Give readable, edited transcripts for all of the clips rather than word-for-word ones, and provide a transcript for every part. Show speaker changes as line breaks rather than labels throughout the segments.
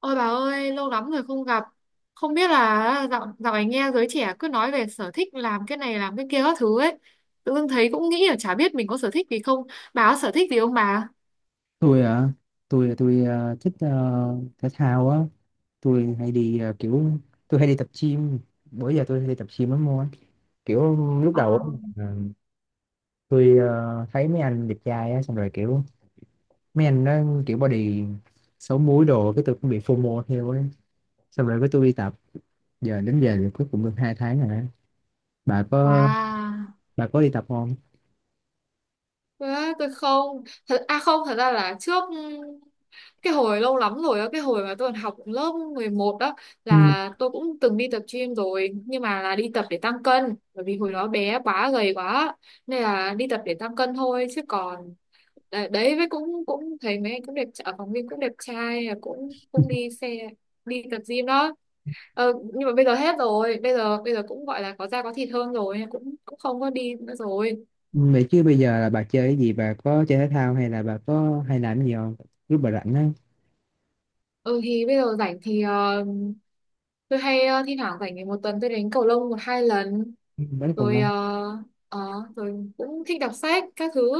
Ôi bà ơi, lâu lắm rồi không gặp. Không biết là dạo này nghe giới trẻ cứ nói về sở thích làm cái này làm cái kia các thứ ấy. Tự dưng thấy cũng nghĩ là chả biết mình có sở thích gì không. Bà có sở thích gì không bà?
Tôi à? Tôi thích thể thao á. Tôi hay đi à, tôi hay đi tập gym. Bữa giờ tôi hay đi tập gym lắm luôn á, kiểu lúc
Ờ,
đầu á, là tôi thấy mấy anh đẹp trai á, xong rồi kiểu mấy anh đó kiểu body xấu múi đồ, cái tôi cũng bị FOMO theo ấy. Xong rồi cái tôi đi tập, giờ đến giờ thì cuối cùng được hai tháng rồi á. Bà có,
Wow.
bà có đi tập không?
Đấy, tôi không thật à không thật ra là trước cái hồi lâu lắm rồi á, cái hồi mà tôi còn học lớp 11 đó,
Ừ.
là tôi cũng từng đi tập gym rồi, nhưng mà là đi tập để tăng cân, bởi vì hồi đó bé quá, gầy quá, nên là đi tập để tăng cân thôi. Chứ còn đấy với cũng cũng thấy mấy anh cũng ở phòng gym cũng đẹp trai, cũng cũng đi xe đi tập gym đó. Ờ, nhưng mà bây giờ hết rồi, bây giờ cũng gọi là có da có thịt hơn rồi, cũng cũng không có đi nữa rồi.
Vậy chứ bây giờ là bà chơi cái gì, bà có chơi thể thao hay là bà có hay làm cái gì không lúc bà rảnh á?
Ừ thì bây giờ rảnh thì tôi hay thi thoảng rảnh thì một tuần tôi đánh cầu lông một hai lần,
Vẫn còn
rồi
lâu.
ờ, rồi cũng thích đọc sách các thứ.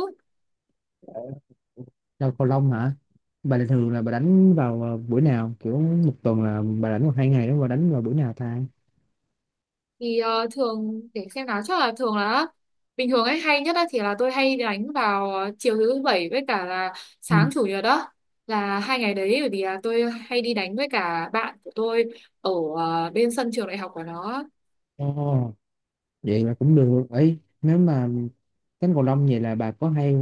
Đâu cầu lông hả? Bà là thường là bà đánh vào buổi nào? Kiểu một tuần là bà đánh một hai ngày đó, bà đánh vào buổi nào ta?
Thì thường để xem nào, chắc là thường là bình thường ấy hay nhất á, thì là tôi hay đánh vào chiều thứ bảy với cả là
Ừ.
sáng chủ nhật đó, là hai ngày đấy, bởi vì là tôi hay đi đánh với cả bạn của tôi ở bên sân trường đại học của nó.
Ồ, vậy là cũng được. Ấy nếu mà đánh cầu lông vậy là bà có hay,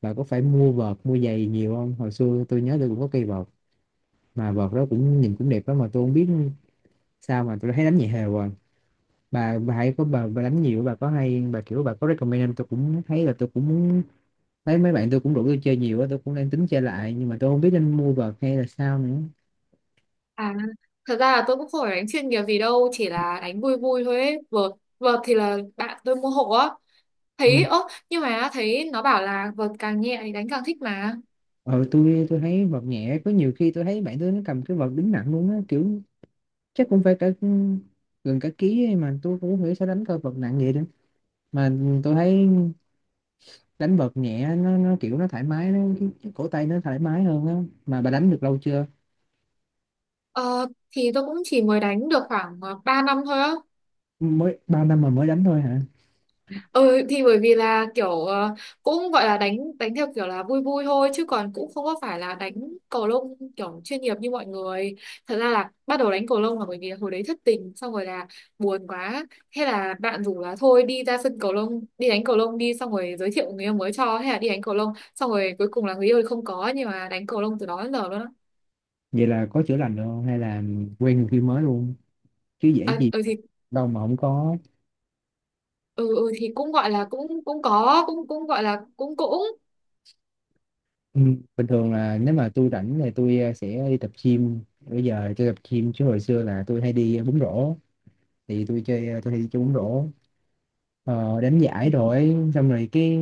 bà có phải mua vợt, mua giày nhiều không? Hồi xưa tôi nhớ tôi cũng có cây vợt, mà vợt đó cũng nhìn cũng đẹp đó, mà tôi không biết sao mà tôi thấy đánh nhẹ hều rồi. Bà hay có bà đánh nhiều bà có hay bà kiểu bà có recommend không? Tôi cũng thấy là tôi cũng muốn. Mấy mấy bạn tôi cũng rủ tôi chơi nhiều á, tôi cũng đang tính chơi lại nhưng mà tôi không biết nên mua vợt hay là sao nữa.
À, thật ra là tôi cũng không phải đánh chuyên nghiệp gì đâu, chỉ là đánh vui vui thôi ấy. Vợt thì là bạn tôi mua hộ á. Thấy,
Ừ.
ơ, nhưng mà thấy nó bảo là vợt càng nhẹ thì đánh càng thích mà.
Ờ, tôi thấy vợt nhẹ, có nhiều khi tôi thấy bạn tôi nó cầm cái vợt đứng nặng luôn á, kiểu chắc cũng phải cả gần cả ký ấy, mà tôi cũng không hiểu sao đánh cơ vợt nặng vậy nữa. Mà tôi thấy đánh vợt nhẹ nó kiểu nó thoải mái, nó cái cổ tay nó thoải mái hơn á. Mà bà đánh được lâu chưa?
Ờ, thì tôi cũng chỉ mới đánh được khoảng 3 năm thôi á.
Mới bao năm mà mới đánh thôi hả?
Ừ thì bởi vì là kiểu cũng gọi là đánh đánh theo kiểu là vui vui thôi, chứ còn cũng không có phải là đánh cầu lông kiểu chuyên nghiệp như mọi người. Thật ra là bắt đầu đánh cầu lông là bởi vì hồi đấy thất tình, xong rồi là buồn quá. Thế là bạn rủ là thôi đi ra sân cầu lông, đi đánh cầu lông đi, xong rồi giới thiệu người yêu mới cho, hay là đi đánh cầu lông. Xong rồi cuối cùng là người yêu thì không có, nhưng mà đánh cầu lông từ đó đến giờ luôn á.
Vậy là có chữa lành được không hay là quen người kia mới luôn? Chứ dễ
À,
gì
ừ thì
đâu mà không có.
ừ, ừ thì cũng gọi là cũng cũng có cũng cũng gọi là cũng cũng.
Bình thường là nếu mà tôi rảnh thì tôi sẽ đi tập gym. Bây giờ tôi tập gym chứ hồi xưa là tôi hay đi bóng rổ, thì tôi chơi tôi hay đi chơi bóng rổ, đánh giải, rồi xong rồi cái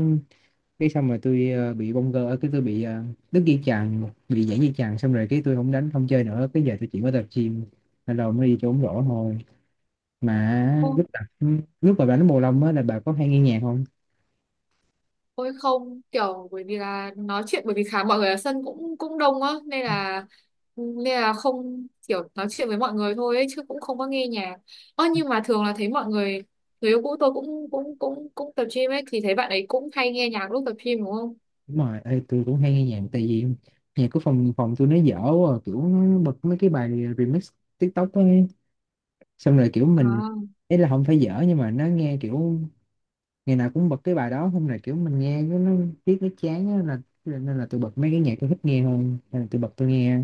cái xong rồi tôi bị bong gơ, cái tôi bị đứt dây chằng, bị giãn dây chằng, xong rồi cái tôi không đánh không chơi nữa, cái giờ tôi chỉ có tập gym, nên là mới đi chơi bóng rổ thôi. Mà lúc tập, lúc mà đánh cầu lông á là bà có hay nghe nhạc không?
Ôi không, kiểu bởi vì là nói chuyện, bởi vì khá mọi người ở sân cũng cũng đông á, nên là không kiểu, nói chuyện với mọi người thôi ấy, chứ cũng không có nghe nhạc. Ơ nhưng mà thường là thấy mọi người, người yêu cũ tôi cũng cũng cũng cũng tập gym ấy, thì thấy bạn ấy cũng hay nghe nhạc lúc tập gym đúng không?
Đúng rồi. Ê, tôi cũng hay nghe nhạc tại vì nhạc của phòng phòng tôi nó dở quá, à, kiểu nó bật mấy cái bài remix TikTok ấy, xong rồi kiểu mình,
À,
ấy là không phải dở nhưng mà nó nghe kiểu ngày nào cũng bật cái bài đó, xong rồi kiểu mình nghe cái nó tiếc nó chán á, là nên là tôi bật mấy cái nhạc tôi thích nghe hơn, nên là tôi bật tôi nghe.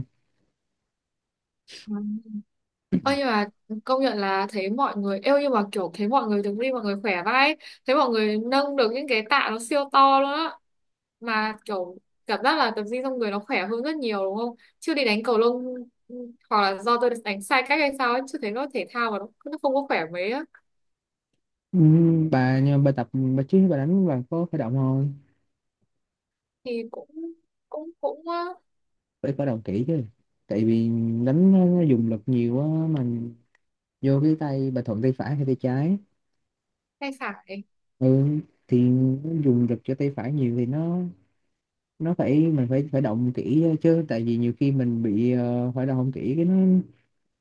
vâng. Ơ nhưng mà công nhận là thấy mọi người yêu nhưng mà kiểu thấy mọi người đứng đi mọi người khỏe vãi ấy. Thấy mọi người nâng được những cái tạ nó siêu to luôn á, mà kiểu cảm giác là tập gym trong người nó khỏe hơn rất nhiều đúng không, chứ đi đánh cầu lông ừ, hoặc là do tôi đánh sai cách hay sao ấy, chứ thấy nó thể thao mà nó không có khỏe mấy á.
Ừ, bà nhưng mà bà tập, bà chứ bà đánh bà có khởi động không?
Thì cũng cũng cũng
Phải khởi động kỹ chứ, tại vì đánh nó dùng lực nhiều á, mình vô cái tay, bà thuận tay phải hay tay trái?
hay phải.
Ừ, thì dùng lực cho tay phải nhiều thì nó phải mình phải phải động kỹ chứ, tại vì nhiều khi mình bị phải động không kỹ cái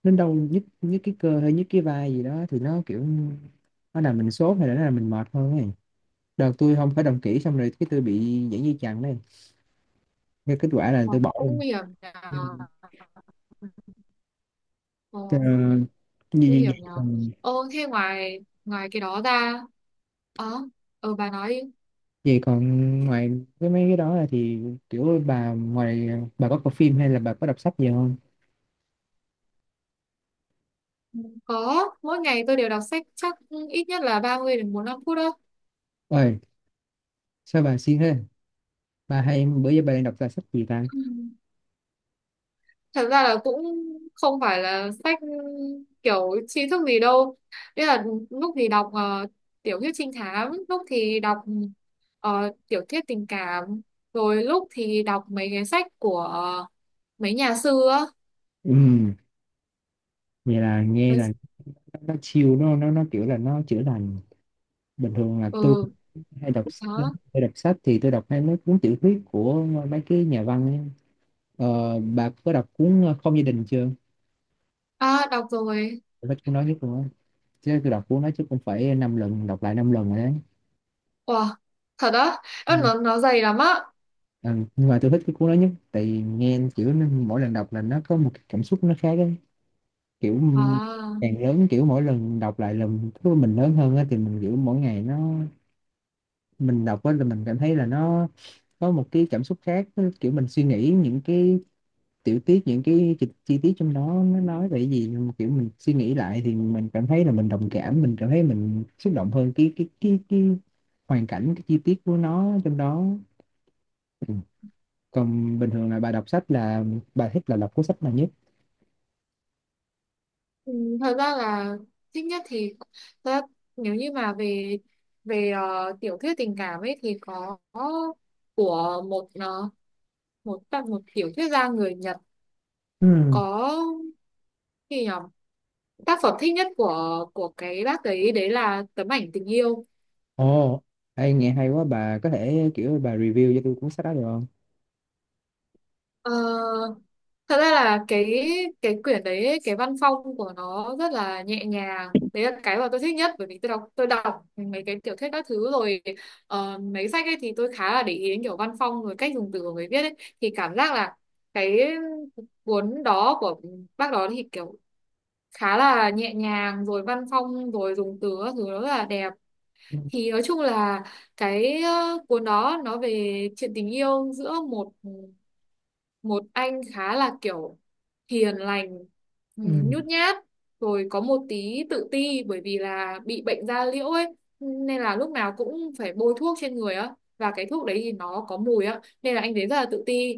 nó đau nhức, nhức cái cơ hay nhức cái vai gì đó thì nó kiểu nó làm mình sốt hay là nó làm mình mệt hơn ấy. Đợt tôi không phải động kỹ xong rồi cái tôi bị giãn dây chằng đây, cái kết quả là
Ờ,
tôi bỏ
cũng
luôn.
nguy hiểm là,
Ừ.
ờ,
Ờ,
nguy
gì- gì
hiểm là.
còn
Thế ngoài, ngoài cái đó ra. ờ bà nói đi.
vậy còn ngoài cái mấy cái đó là thì kiểu bà ngoài, bà có coi phim hay là bà có đọc sách gì không?
Có, mỗi ngày tôi đều đọc sách chắc ít nhất là 30 đến 45 phút đó.
Ơi, sao bà siêng thế? Ba hay em bữa giờ ba đang đọc ra sách gì ta?
Ừ. Thật ra là cũng không phải là sách kiểu tri thức gì đâu. Đấy là lúc thì đọc tiểu thuyết trinh thám, lúc thì đọc tiểu thuyết tình cảm, rồi lúc thì đọc mấy cái sách của mấy nhà sư á.
Ừm, vậy là nghe là nó chill nó kiểu là nó chữa lành. Bình thường là tôi
Ừ,
cũng hay đọc,
đó.
hay đọc sách thì tôi đọc hay mấy cuốn tiểu thuyết của mấy cái nhà văn ấy. Ờ, bà có đọc cuốn Không gia đình chưa?
À, đọc rồi.
Tôi cuốn nói chứ luôn á, chứ tôi đọc cuốn đó chứ cũng phải năm lần, đọc lại năm lần rồi đấy.
Wow, thật á?
Ừ.
Ơ, nó dày lắm á.
Ừ, nhưng mà tôi thích cái cuốn đó nhất tại vì nghe kiểu nó- mỗi lần đọc là nó có một cái cảm xúc nó khác ấy. Kiểu
À.
càng lớn kiểu mỗi lần đọc lại lần thứ mình lớn hơn á, thì mình kiểu mỗi ngày nó, mình đọc á là mình cảm thấy là nó có một cái cảm xúc khác, nó kiểu mình suy nghĩ những cái tiểu tiết, những cái chi tiết trong đó nó nói về cái gì, nhưng mà kiểu mình suy nghĩ lại thì mình cảm thấy là mình đồng cảm, mình cảm thấy mình xúc động hơn cái hoàn cảnh, cái chi tiết của nó trong đó. Ừ. Còn bình thường là bà đọc sách là bà thích là đọc cuốn sách nào nhất?
Ừ, thật ra là thích nhất thì, thật ra nếu như mà về về ờ, tiểu thuyết tình cảm ấy thì có của một một tác một tiểu thuyết gia người Nhật,
Ừ.
có gì nhỉ, tác phẩm thích nhất của cái bác ấy đấy là Tấm Ảnh Tình Yêu.
Ồ, ê, nghe hay quá, bà có thể kiểu bà review cho tôi cuốn sách đó được không?
Ờ, thật ra là cái quyển đấy ấy, cái văn phong của nó rất là nhẹ nhàng. Đấy là cái mà tôi thích nhất, bởi vì tôi đọc mấy cái tiểu thuyết các thứ rồi, mấy sách ấy thì tôi khá là để ý đến kiểu văn phong rồi cách dùng từ của người viết ấy, thì cảm giác là cái cuốn đó của bác đó thì kiểu khá là nhẹ nhàng, rồi văn phong rồi dùng từ các thứ nó rất là đẹp. Thì nói chung là cái cuốn đó nó về chuyện tình yêu giữa một một anh khá là kiểu hiền lành, ừ,
Ừ.
nhút nhát, rồi có một tí tự ti bởi vì là bị bệnh da liễu ấy, nên là lúc nào cũng phải bôi thuốc trên người á, và cái thuốc đấy thì nó có mùi á, nên là anh thấy rất là tự ti.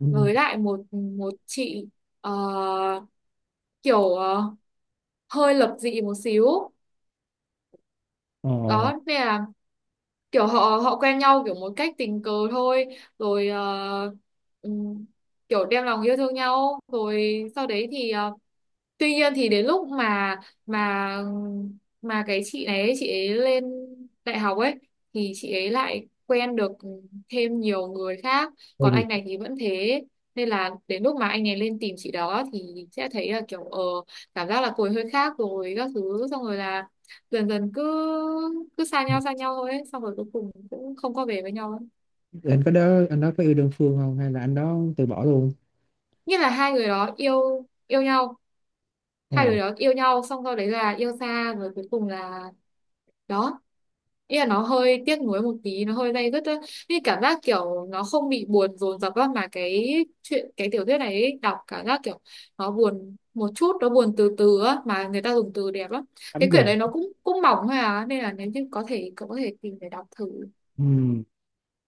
Ừ. Ừ.
Với lại một một chị ờ, kiểu ờ, hơi lập dị một xíu
Ồ,
đó, nên là kiểu họ họ quen nhau kiểu một cách tình cờ thôi, rồi ừm, kiểu đem lòng yêu thương nhau, rồi sau đấy thì tuy nhiên thì đến lúc mà mà cái chị này ấy, chị ấy lên đại học ấy, thì chị ấy lại quen được thêm nhiều người khác,
hay
còn anh
thiệt.
này thì vẫn thế, nên là đến lúc mà anh ấy lên tìm chị đó thì sẽ thấy là kiểu cảm giác là cô ấy hơi khác rồi các thứ, xong rồi là dần dần cứ cứ
Ừ.
xa nhau thôi ấy. Xong rồi cuối cùng cũng không có về với nhau ấy.
Anh có đó, anh đó có yêu đơn phương không hay là anh đó từ bỏ luôn?
Như là hai người đó yêu yêu nhau, hai
Ồ,
người đó yêu nhau xong sau đấy là yêu xa, rồi cuối cùng là đó. Ý là nó hơi tiếc nuối một tí, nó hơi day dứt ấy. Như cảm giác kiểu nó không bị buồn dồn dập á, mà cái chuyện cái tiểu thuyết này ấy, đọc cảm giác kiểu nó buồn một chút, nó buồn từ từ á, mà người ta dùng từ đẹp lắm.
tắm
Cái quyển
dần.
đấy nó cũng cũng mỏng thôi à, nên là nếu như có thể cậu có thể tìm để đọc thử.
Ừ,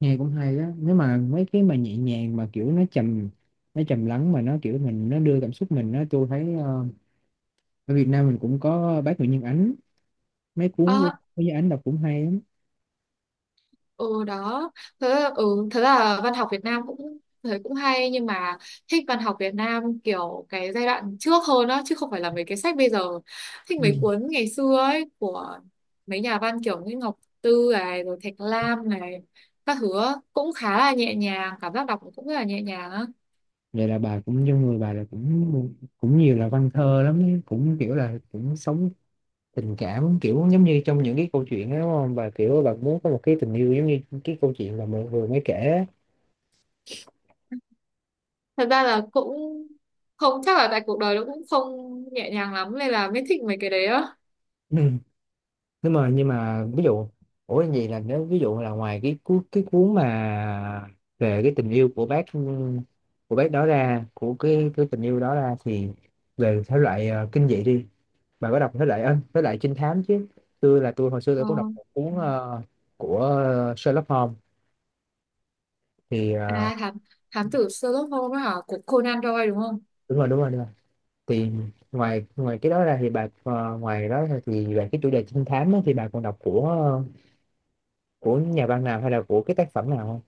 nghe cũng hay á, nếu mà mấy cái mà nhẹ nhàng mà kiểu nó trầm, nó trầm lắng mà nó kiểu mình nó đưa cảm xúc mình á, tôi thấy ở Việt Nam mình cũng có bác Nguyễn Nhân Ánh, mấy cuốn của
À,
bác Nguyễn Nhân Ánh đọc cũng hay lắm.
ừ đó. Thế, ừ, thế là văn học Việt Nam cũng thấy cũng hay, nhưng mà thích văn học Việt Nam kiểu cái giai đoạn trước hơn đó, chứ không phải là mấy cái sách bây giờ. Thích
Ừ.
mấy cuốn ngày xưa ấy của mấy nhà văn kiểu như Ngọc Tư này, rồi Thạch Lam này, các thứ á. Cũng khá là nhẹ nhàng, cảm giác đọc cũng rất là nhẹ nhàng á.
Vậy là bà cũng trong người bà là cũng cũng nhiều là văn thơ lắm ấy, cũng kiểu là cũng sống tình cảm kiểu giống như trong những cái câu chuyện đó đúng không bà, kiểu bà muốn có một cái tình yêu giống như cái câu chuyện mà mình vừa mới kể á.
Thật ra là cũng không, chắc là tại cuộc đời nó cũng không nhẹ nhàng lắm, nên là mới thích mấy cái đấy á.
Ừ. Nếu mà nhưng mà ví dụ, ủa gì là nếu ví dụ là ngoài cái cuốn, cái cuốn mà về cái tình yêu của bác, của bác đó ra, của cái tình yêu đó ra, thì về thể loại kinh dị đi, bà có đọc thể loại ơ, thể loại trinh thám chứ? Tôi là tôi hồi xưa
Ờ.
tôi cũng đọc một cuốn của Sherlock Holmes, thì
À thám, thám tử Sherlock Holmes á hả, của Conan Doyle đúng không?
đúng rồi đúng rồi đúng rồi. Thì ngoài, ngoài cái đó ra thì bà ngoài đó ra thì về cái chủ đề trinh thám á, thì bà còn đọc của của nhà văn nào hay là của cái tác phẩm nào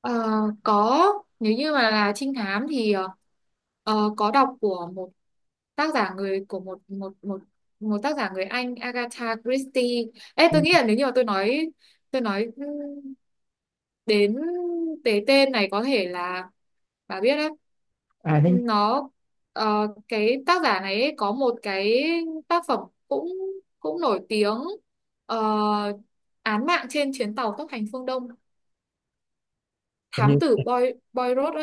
Ờ, có, nếu như mà là trinh thám thì có đọc của tác giả người của một một một một tác giả người Anh Agatha Christie. Ê, tôi
không?
nghĩ là nếu như mà tôi nói đến cái tên này có thể là bà biết đấy.
À, thế
Nó cái tác giả này ấy có một cái tác phẩm cũng cũng nổi tiếng, ờ, Án Mạng Trên Chuyến Tàu Tốc Hành Phương Đông,
hình như,
thám tử Boy, Boy Rod.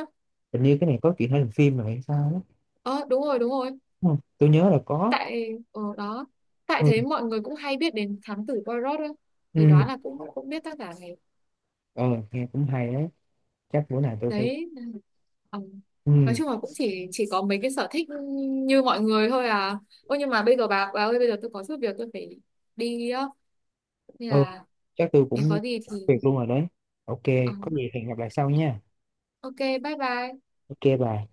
hình như cái này có chuyện hay làm phim rồi hay sao đó,
Ờ đúng rồi đúng rồi,
đúng không? Tôi nhớ là có.
tại ở đó, tại
Ừ.
thế mọi người cũng hay biết đến thám tử Poirot ấy. Thì
Ừ.
đoán là cũng cũng biết tác giả này.
Ờ, nghe cũng hay đấy, chắc bữa nào tôi phải.
Đấy, ờ.
Ừ.
Nói chung là cũng chỉ có mấy cái sở thích như mọi người thôi à. Ôi nhưng mà bây giờ bà ơi, bây giờ tôi có chút việc tôi phải đi á, nên
Ờ,
là
chắc tôi
nếu
cũng
có gì thì
việc luôn rồi đấy. Ok,
ờ,
có gì hẹn gặp lại sau nha.
ok, bye bye.
Ok bà.